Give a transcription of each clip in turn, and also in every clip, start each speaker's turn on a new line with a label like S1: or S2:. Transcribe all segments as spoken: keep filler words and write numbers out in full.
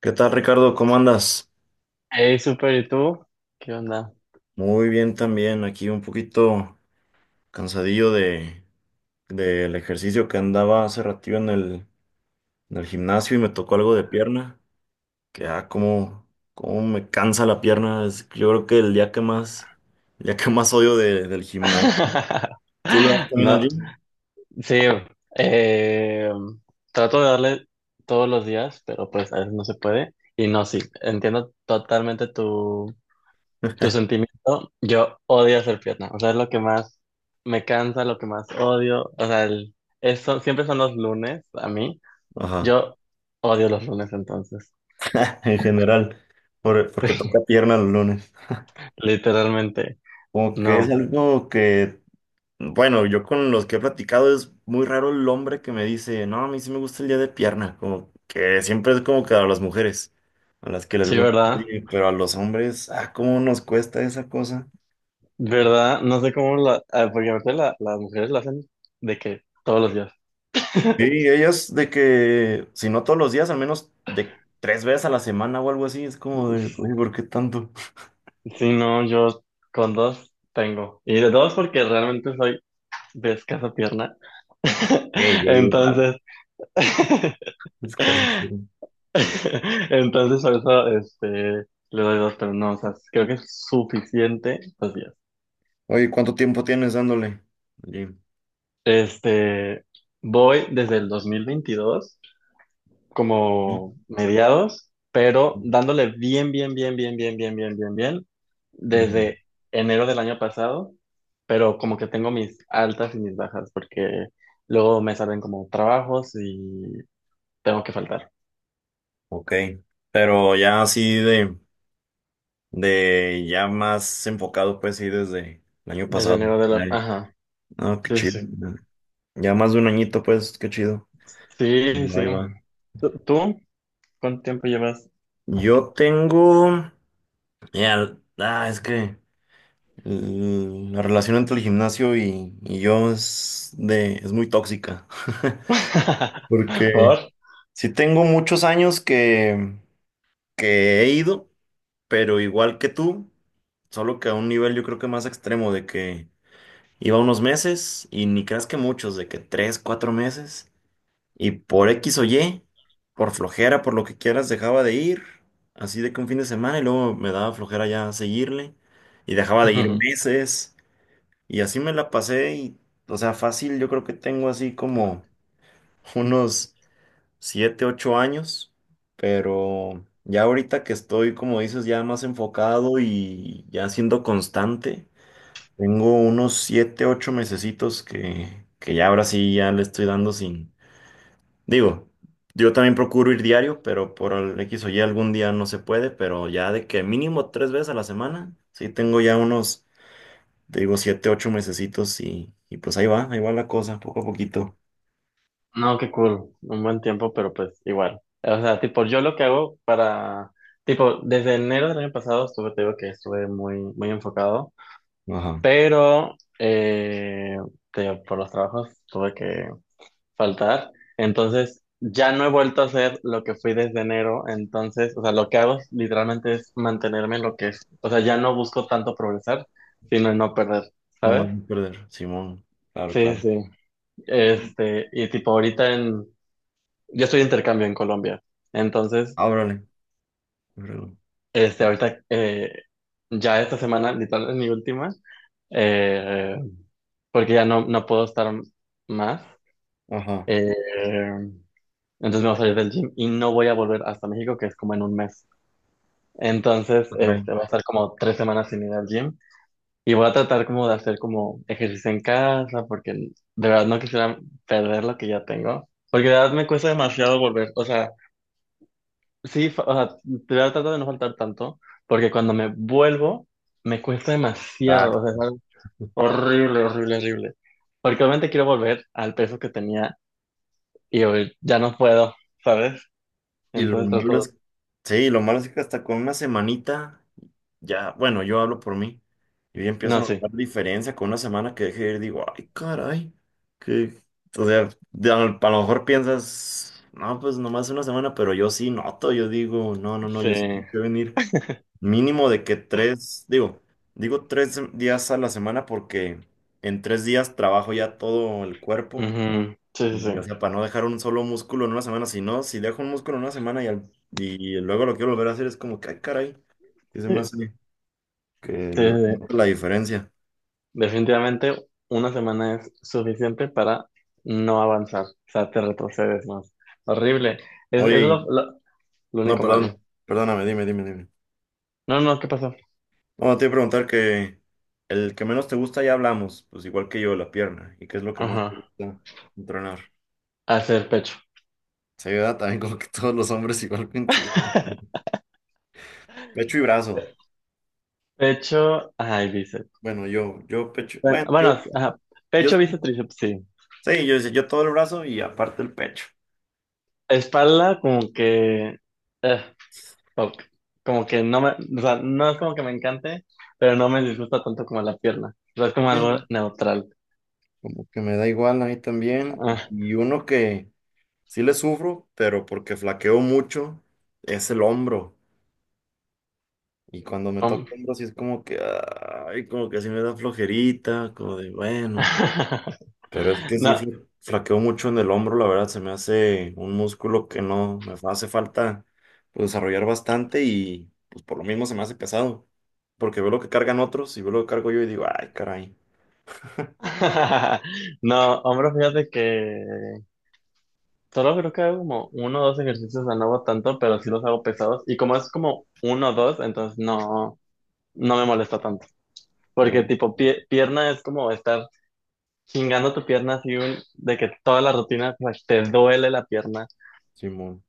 S1: ¿Qué tal, Ricardo? ¿Cómo andas?
S2: Hey, super, ¿y tú? ¿Qué onda?
S1: Muy bien también, aquí un poquito cansadillo de del ejercicio que andaba hace ratito en el, en el gimnasio y me tocó algo de pierna, que ah, cómo, cómo me cansa la pierna, es yo creo que el día que más, el día que más odio de- del gimnasio. ¿Tú lo vas también al
S2: No,
S1: gym?
S2: sí, eh, trato de darle todos los días, pero pues a veces no se puede. Y no, sí, entiendo totalmente tu, tu sentimiento. Yo odio hacer pierna, o sea, es lo que más me cansa, lo que más odio. O sea, el, eso, siempre son los lunes a mí.
S1: Ajá,
S2: Yo odio los lunes entonces,
S1: en general, por- porque toca pierna los lunes.
S2: literalmente.
S1: Como que es
S2: No,
S1: algo que. Bueno, yo con los que he platicado es muy raro el hombre que me dice, no, a mí sí me gusta el día de pierna, como que siempre es como que a las mujeres, a las que les
S2: sí,
S1: gusta,
S2: ¿verdad?
S1: pero a los hombres, ah, cómo nos cuesta esa cosa.
S2: ¿Verdad? No sé cómo la... ah, Porque aparte la- las mujeres lo hacen de que todos los días.
S1: Sí, ellas de que, si no todos los días, al menos de tres veces a la semana o algo así, es como de, oye, ¿por qué tanto?
S2: Si no, yo con dos tengo. Y de dos porque realmente soy de escasa pierna.
S1: Sí, yo igual.
S2: Entonces...
S1: Es casi puro.
S2: Entonces por eso este, le doy dos, pero no, o sea, creo que es suficiente dos días.
S1: Oye, ¿cuánto tiempo tienes dándole al gym?
S2: Este, Voy desde el dos mil veintidós como mediados, pero dándole bien, bien, bien, bien, bien, bien, bien, bien, bien,
S1: Ujú.
S2: desde enero del año pasado, pero como que tengo mis altas y mis bajas, porque luego me salen como trabajos y tengo que faltar.
S1: Ok, pero ya así de... de ya más enfocado, pues sí, desde el año
S2: Desde
S1: pasado.
S2: enero de la...
S1: Ay,
S2: Ajá,
S1: no, qué
S2: sí,
S1: chido.
S2: sí,
S1: Ya más de un añito, pues, qué chido.
S2: sí, sí, sí.
S1: Ahí va.
S2: ¿Tú? ¿Tú? ¿Cuánto tiempo llevas?
S1: Yo tengo, ya, ah, es que mm, la relación entre el gimnasio y, y yo es de, es muy tóxica. Porque
S2: ¿Por?
S1: sí tengo muchos años que, que he ido, pero igual que tú, solo que a un nivel yo creo que más extremo de que iba unos meses y ni creas que muchos, de que tres, cuatro meses. Y por X o Y, por flojera, por lo que quieras, dejaba de ir. Así de que un fin de semana y luego me daba flojera ya seguirle. Y dejaba de ir meses. Y así me la pasé y, o sea, fácil, yo creo que tengo así como unos siete, ocho años. Pero ya ahorita que estoy, como dices, ya más enfocado y ya siendo constante. Tengo unos siete, ocho mesecitos que, que ya ahora sí ya le estoy dando sin. Digo, yo también procuro ir diario, pero por el X o Y algún día no se puede, pero ya de que mínimo tres veces a la semana, sí tengo ya unos, te digo, siete, ocho mesecitos y, y pues ahí va, ahí va la cosa, poco a poquito.
S2: No, qué cool, un buen tiempo, pero pues igual. O sea, tipo, yo lo que hago para, tipo, desde enero del año pasado estuve, te digo que estuve muy, muy enfocado,
S1: Ajá.
S2: pero, eh, te digo, por los trabajos tuve que faltar. Entonces, ya no he vuelto a hacer lo que fui desde enero. Entonces, o sea, lo que hago es, literalmente es mantenerme en lo que es. O sea, ya no busco tanto progresar, sino en no perder,
S1: No más
S2: ¿sabes?
S1: no perder, Simón. Claro,
S2: Sí,
S1: claro.
S2: sí. Este, y tipo, ahorita en... yo estoy de intercambio en Colombia. Entonces,
S1: Ábrale, ábrale.
S2: este, ahorita, eh, ya esta semana, literal, es mi última, eh, porque ya no, no puedo estar más.
S1: Ajá.
S2: Eh, entonces me voy a salir del gym y no voy a volver hasta México, que es como en un mes. Entonces,
S1: Ah, caray.
S2: este, voy a estar como tres semanas sin ir al gym y voy a tratar como de hacer como ejercicio en casa, porque de verdad no quisiera perder lo que ya tengo. Porque de verdad me cuesta demasiado volver. O sea, sí, fa- o sea, tra- trato de no faltar tanto, porque cuando me vuelvo, me cuesta demasiado,
S1: Ah,
S2: o sea, es algo horrible, horrible, horrible. Porque obviamente quiero volver al peso que tenía y hoy ya no puedo, ¿sabes?
S1: y lo
S2: Entonces
S1: malo
S2: trato
S1: es.
S2: de...
S1: Sí, lo malo es que hasta con una semanita. Ya, bueno, yo hablo por mí. Yo ya empiezo
S2: No,
S1: a
S2: sí,
S1: notar diferencia con una semana que dejé de ir, digo, ay, caray, que, o sea, de- a lo a lo mejor piensas, no, pues nomás una semana, pero yo sí noto, yo digo, no, no, no,
S2: sí.
S1: yo sí tengo que venir mínimo de que tres, digo, digo tres días a la semana porque en tres días trabajo ya todo el cuerpo
S2: Ujú, sí, sí, sí,
S1: y, o sea, para no dejar un solo músculo en una semana, si no, si dejo un músculo en una semana y, al- y luego lo quiero volver a hacer, es como que, ay, caray, que se me
S2: sí,
S1: hace que
S2: sí,
S1: no-
S2: sí,
S1: nota
S2: sí.
S1: la diferencia.
S2: Definitivamente una semana es suficiente para no avanzar, o sea, te retrocedes más. Horrible, es,
S1: Oye,
S2: es lo,
S1: y-
S2: lo, lo
S1: no,
S2: único malo.
S1: perdón, perdóname, dime, dime, dime.
S2: No, no, ¿qué pasó?
S1: No, te iba a preguntar que el que menos te gusta ya hablamos, pues igual que yo, la pierna. ¿Y qué es lo que más te
S2: Ajá,
S1: gusta entrenar?
S2: hacer pecho.
S1: Se ayuda también como que todos los hombres igual coincidimos. Pecho y brazo.
S2: Pecho, ay, bíceps.
S1: Bueno, yo, yo pecho,
S2: Bueno,
S1: bueno, yo,
S2: bueno, ajá,
S1: yo
S2: pecho,
S1: sí,
S2: bíceps, tríceps, sí.
S1: sí, yo, yo todo el brazo y aparte el pecho.
S2: Espalda, como que, eh, ok. Como que no me, o sea, no es como que me encante, pero no me disgusta tanto como la pierna. O sea, es como algo
S1: Eh,
S2: neutral.
S1: Como que me da igual a mí también.
S2: Ah,
S1: Y uno que sí le sufro, pero porque flaqueo mucho, es el hombro. Y cuando me toca
S2: hom-
S1: hombros, sí es como que, ay, como que sí me da flojerita, como de, bueno. Pero es que sí
S2: No,
S1: fla- flaqueo mucho en el hombro, la verdad, se me hace un músculo que no, me fa- hace falta pues, desarrollar bastante y pues por lo mismo se me hace pesado. Porque veo lo que cargan otros y veo lo que cargo yo y digo, ay, caray,
S2: no, hombro, fíjate que solo creo que hago como uno o dos ejercicios, o sea, no hago tanto, pero sí los hago pesados. Y como es como uno o dos, entonces no, no me molesta.
S1: no,
S2: Porque tipo pie- pierna es como estar chingando tu pierna así un- de que toda la rutina, o sea, te duele la pierna.
S1: Simón.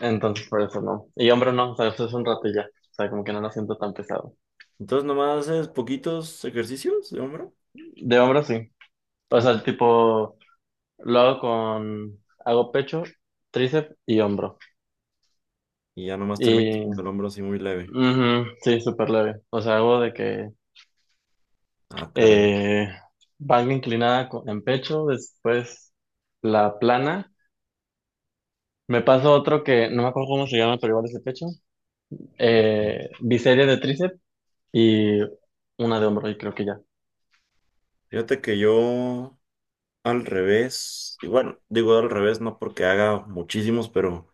S2: Entonces por eso no. Y hombro no, o sea, eso es un rato y ya. O sea, como que no lo siento tan pesado.
S1: Entonces nomás haces poquitos ejercicios de hombro,
S2: De hombro sí. O
S1: ¿no?
S2: sea, tipo lo hago con, hago pecho, tríceps y hombro.
S1: Y ya nomás terminas
S2: Y
S1: con el hombro así muy leve.
S2: ujú, sí, súper leve. O sea, hago de que
S1: Ah, caray.
S2: eh, banca inclinada con- en pecho, después la plana. Me paso otro que no me acuerdo cómo se llama, pero igual es de pecho. Eh, biseria de tríceps y una de hombro, y creo que ya.
S1: Fíjate que yo. Al revés, y bueno, digo al revés, no porque haga muchísimos, pero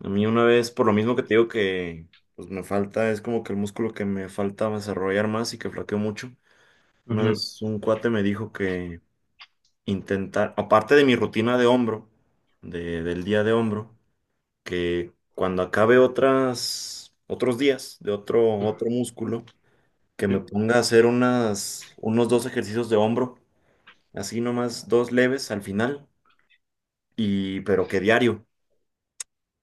S1: a mí una vez, por lo mismo que te digo que pues me falta, es como que el músculo que me falta desarrollar más y que flaqueo mucho. Una
S2: Ujú,
S1: vez un cuate me dijo que intentar, aparte de mi rutina de hombro, de, del día de hombro, que cuando acabe otras, otros días de otro, otro músculo, que me
S2: sí.
S1: ponga a hacer unas, unos dos ejercicios de hombro, así nomás dos leves al final. Y, pero que diario.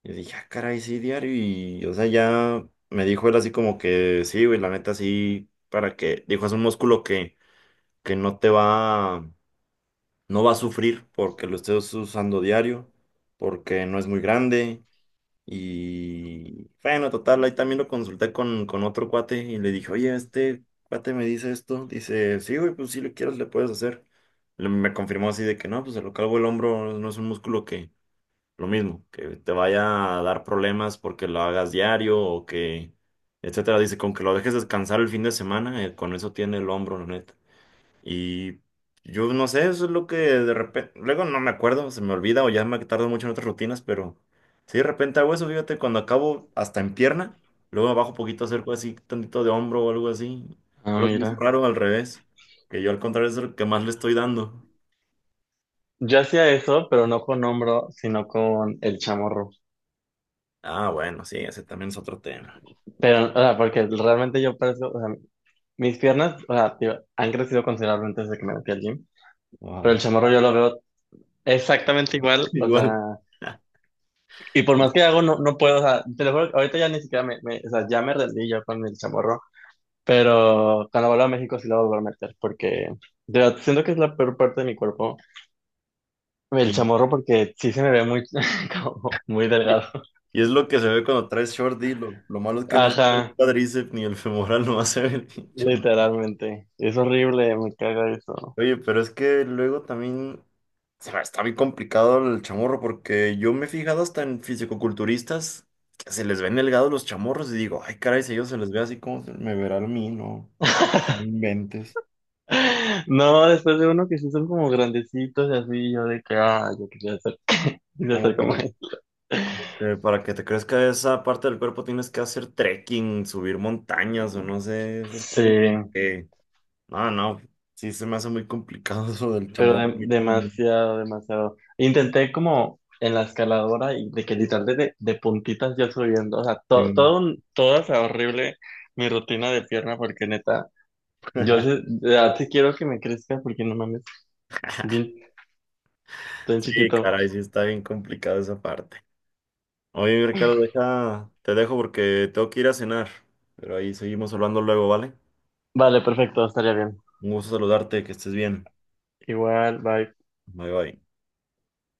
S1: Yo dije, ah, caray, sí, diario. Y, o sea, ya me dijo él así como que, sí, güey, la neta, sí, para que, dijo, es un músculo que, que no te va, no va a sufrir porque lo estés usando diario, porque no es muy grande. Y, bueno, total, ahí también lo consulté con, con otro cuate y le dije, oye, este cuate me dice esto. Dice, sí, güey, pues si le quieres, le puedes hacer. Le- Me confirmó así de que no, pues el calvo el hombro no es un músculo que lo mismo, que te vaya a dar problemas porque lo hagas diario o que, etcétera. Dice, con que lo dejes descansar el fin de semana, eh, con eso tiene el hombro, la neta. Y yo no sé, eso es lo que de repente, luego no me acuerdo, se me olvida o ya me tardo mucho en otras rutinas, pero si de repente hago eso, fíjate, cuando acabo hasta en pierna, luego bajo poquito, acerco así, tantito de hombro o algo así.
S2: Ah,
S1: Pero es muy
S2: mira.
S1: raro al revés, que yo al contrario es el que más le estoy dando.
S2: Yo hacía eso, pero no con hombro, sino con el chamorro.
S1: Ah, bueno, sí, ese también es otro tema.
S2: Pero, o sea, porque realmente yo parezco, o sea, mis piernas, o sea, digo, han crecido considerablemente desde que me metí al gym, pero
S1: Wow.
S2: el chamorro yo lo veo exactamente igual, o sea,
S1: Igual.
S2: y por
S1: Y,
S2: más que hago, no, no puedo, o sea, te lo juro, que ahorita ya ni siquiera me, me- o sea, ya me rendí yo con el chamorro, pero cuando vuelva a México sí lo voy a volver a meter, porque, de verdad, siento que es la peor parte de mi cuerpo. El chamorro porque sí se me ve muy, como muy
S1: y-
S2: delgado.
S1: y es lo que se ve cuando traes short D. Lo, lo malo es que no se ve el
S2: Ajá,
S1: cuádriceps ni el femoral, no se ve el chamorro.
S2: literalmente. Es horrible, me caga eso.
S1: Oye, pero es que luego también se me está muy complicado el chamorro porque yo me he fijado hasta en fisicoculturistas que se les ven delgados los chamorros y digo, ay, caray, si a ellos se les ve así, como me verá a mí? No, no inventes.
S2: No, después de uno que sí son como grandecitos y así, yo de que, ah, yo quería ser, quería ser
S1: Como
S2: como
S1: que
S2: él.
S1: eh, para que te crezca esa parte del cuerpo tienes que hacer trekking, subir montañas o no sé, esas
S2: Sí,
S1: cosas. Porque no, no, sí se me hace muy complicado eso del
S2: pero
S1: chamorro
S2: de-
S1: a mí también.
S2: demasiado, demasiado. Intenté como en la escaladora y de que literal de, de puntitas yo subiendo, o sea,
S1: Sí,
S2: to- todo, un- todo, o sea, horrible mi rutina de pierna porque neta. Yo sé- ya te quiero que me crezca porque no mames. Bien, tan
S1: sí,
S2: chiquito.
S1: caray, sí está bien complicado esa parte. Oye, Ricardo, deja, te dejo porque tengo que ir a cenar, pero ahí seguimos hablando luego, ¿vale?
S2: Vale, perfecto, estaría bien.
S1: Un gusto saludarte, que estés bien.
S2: Igual, bye.
S1: Bye bye.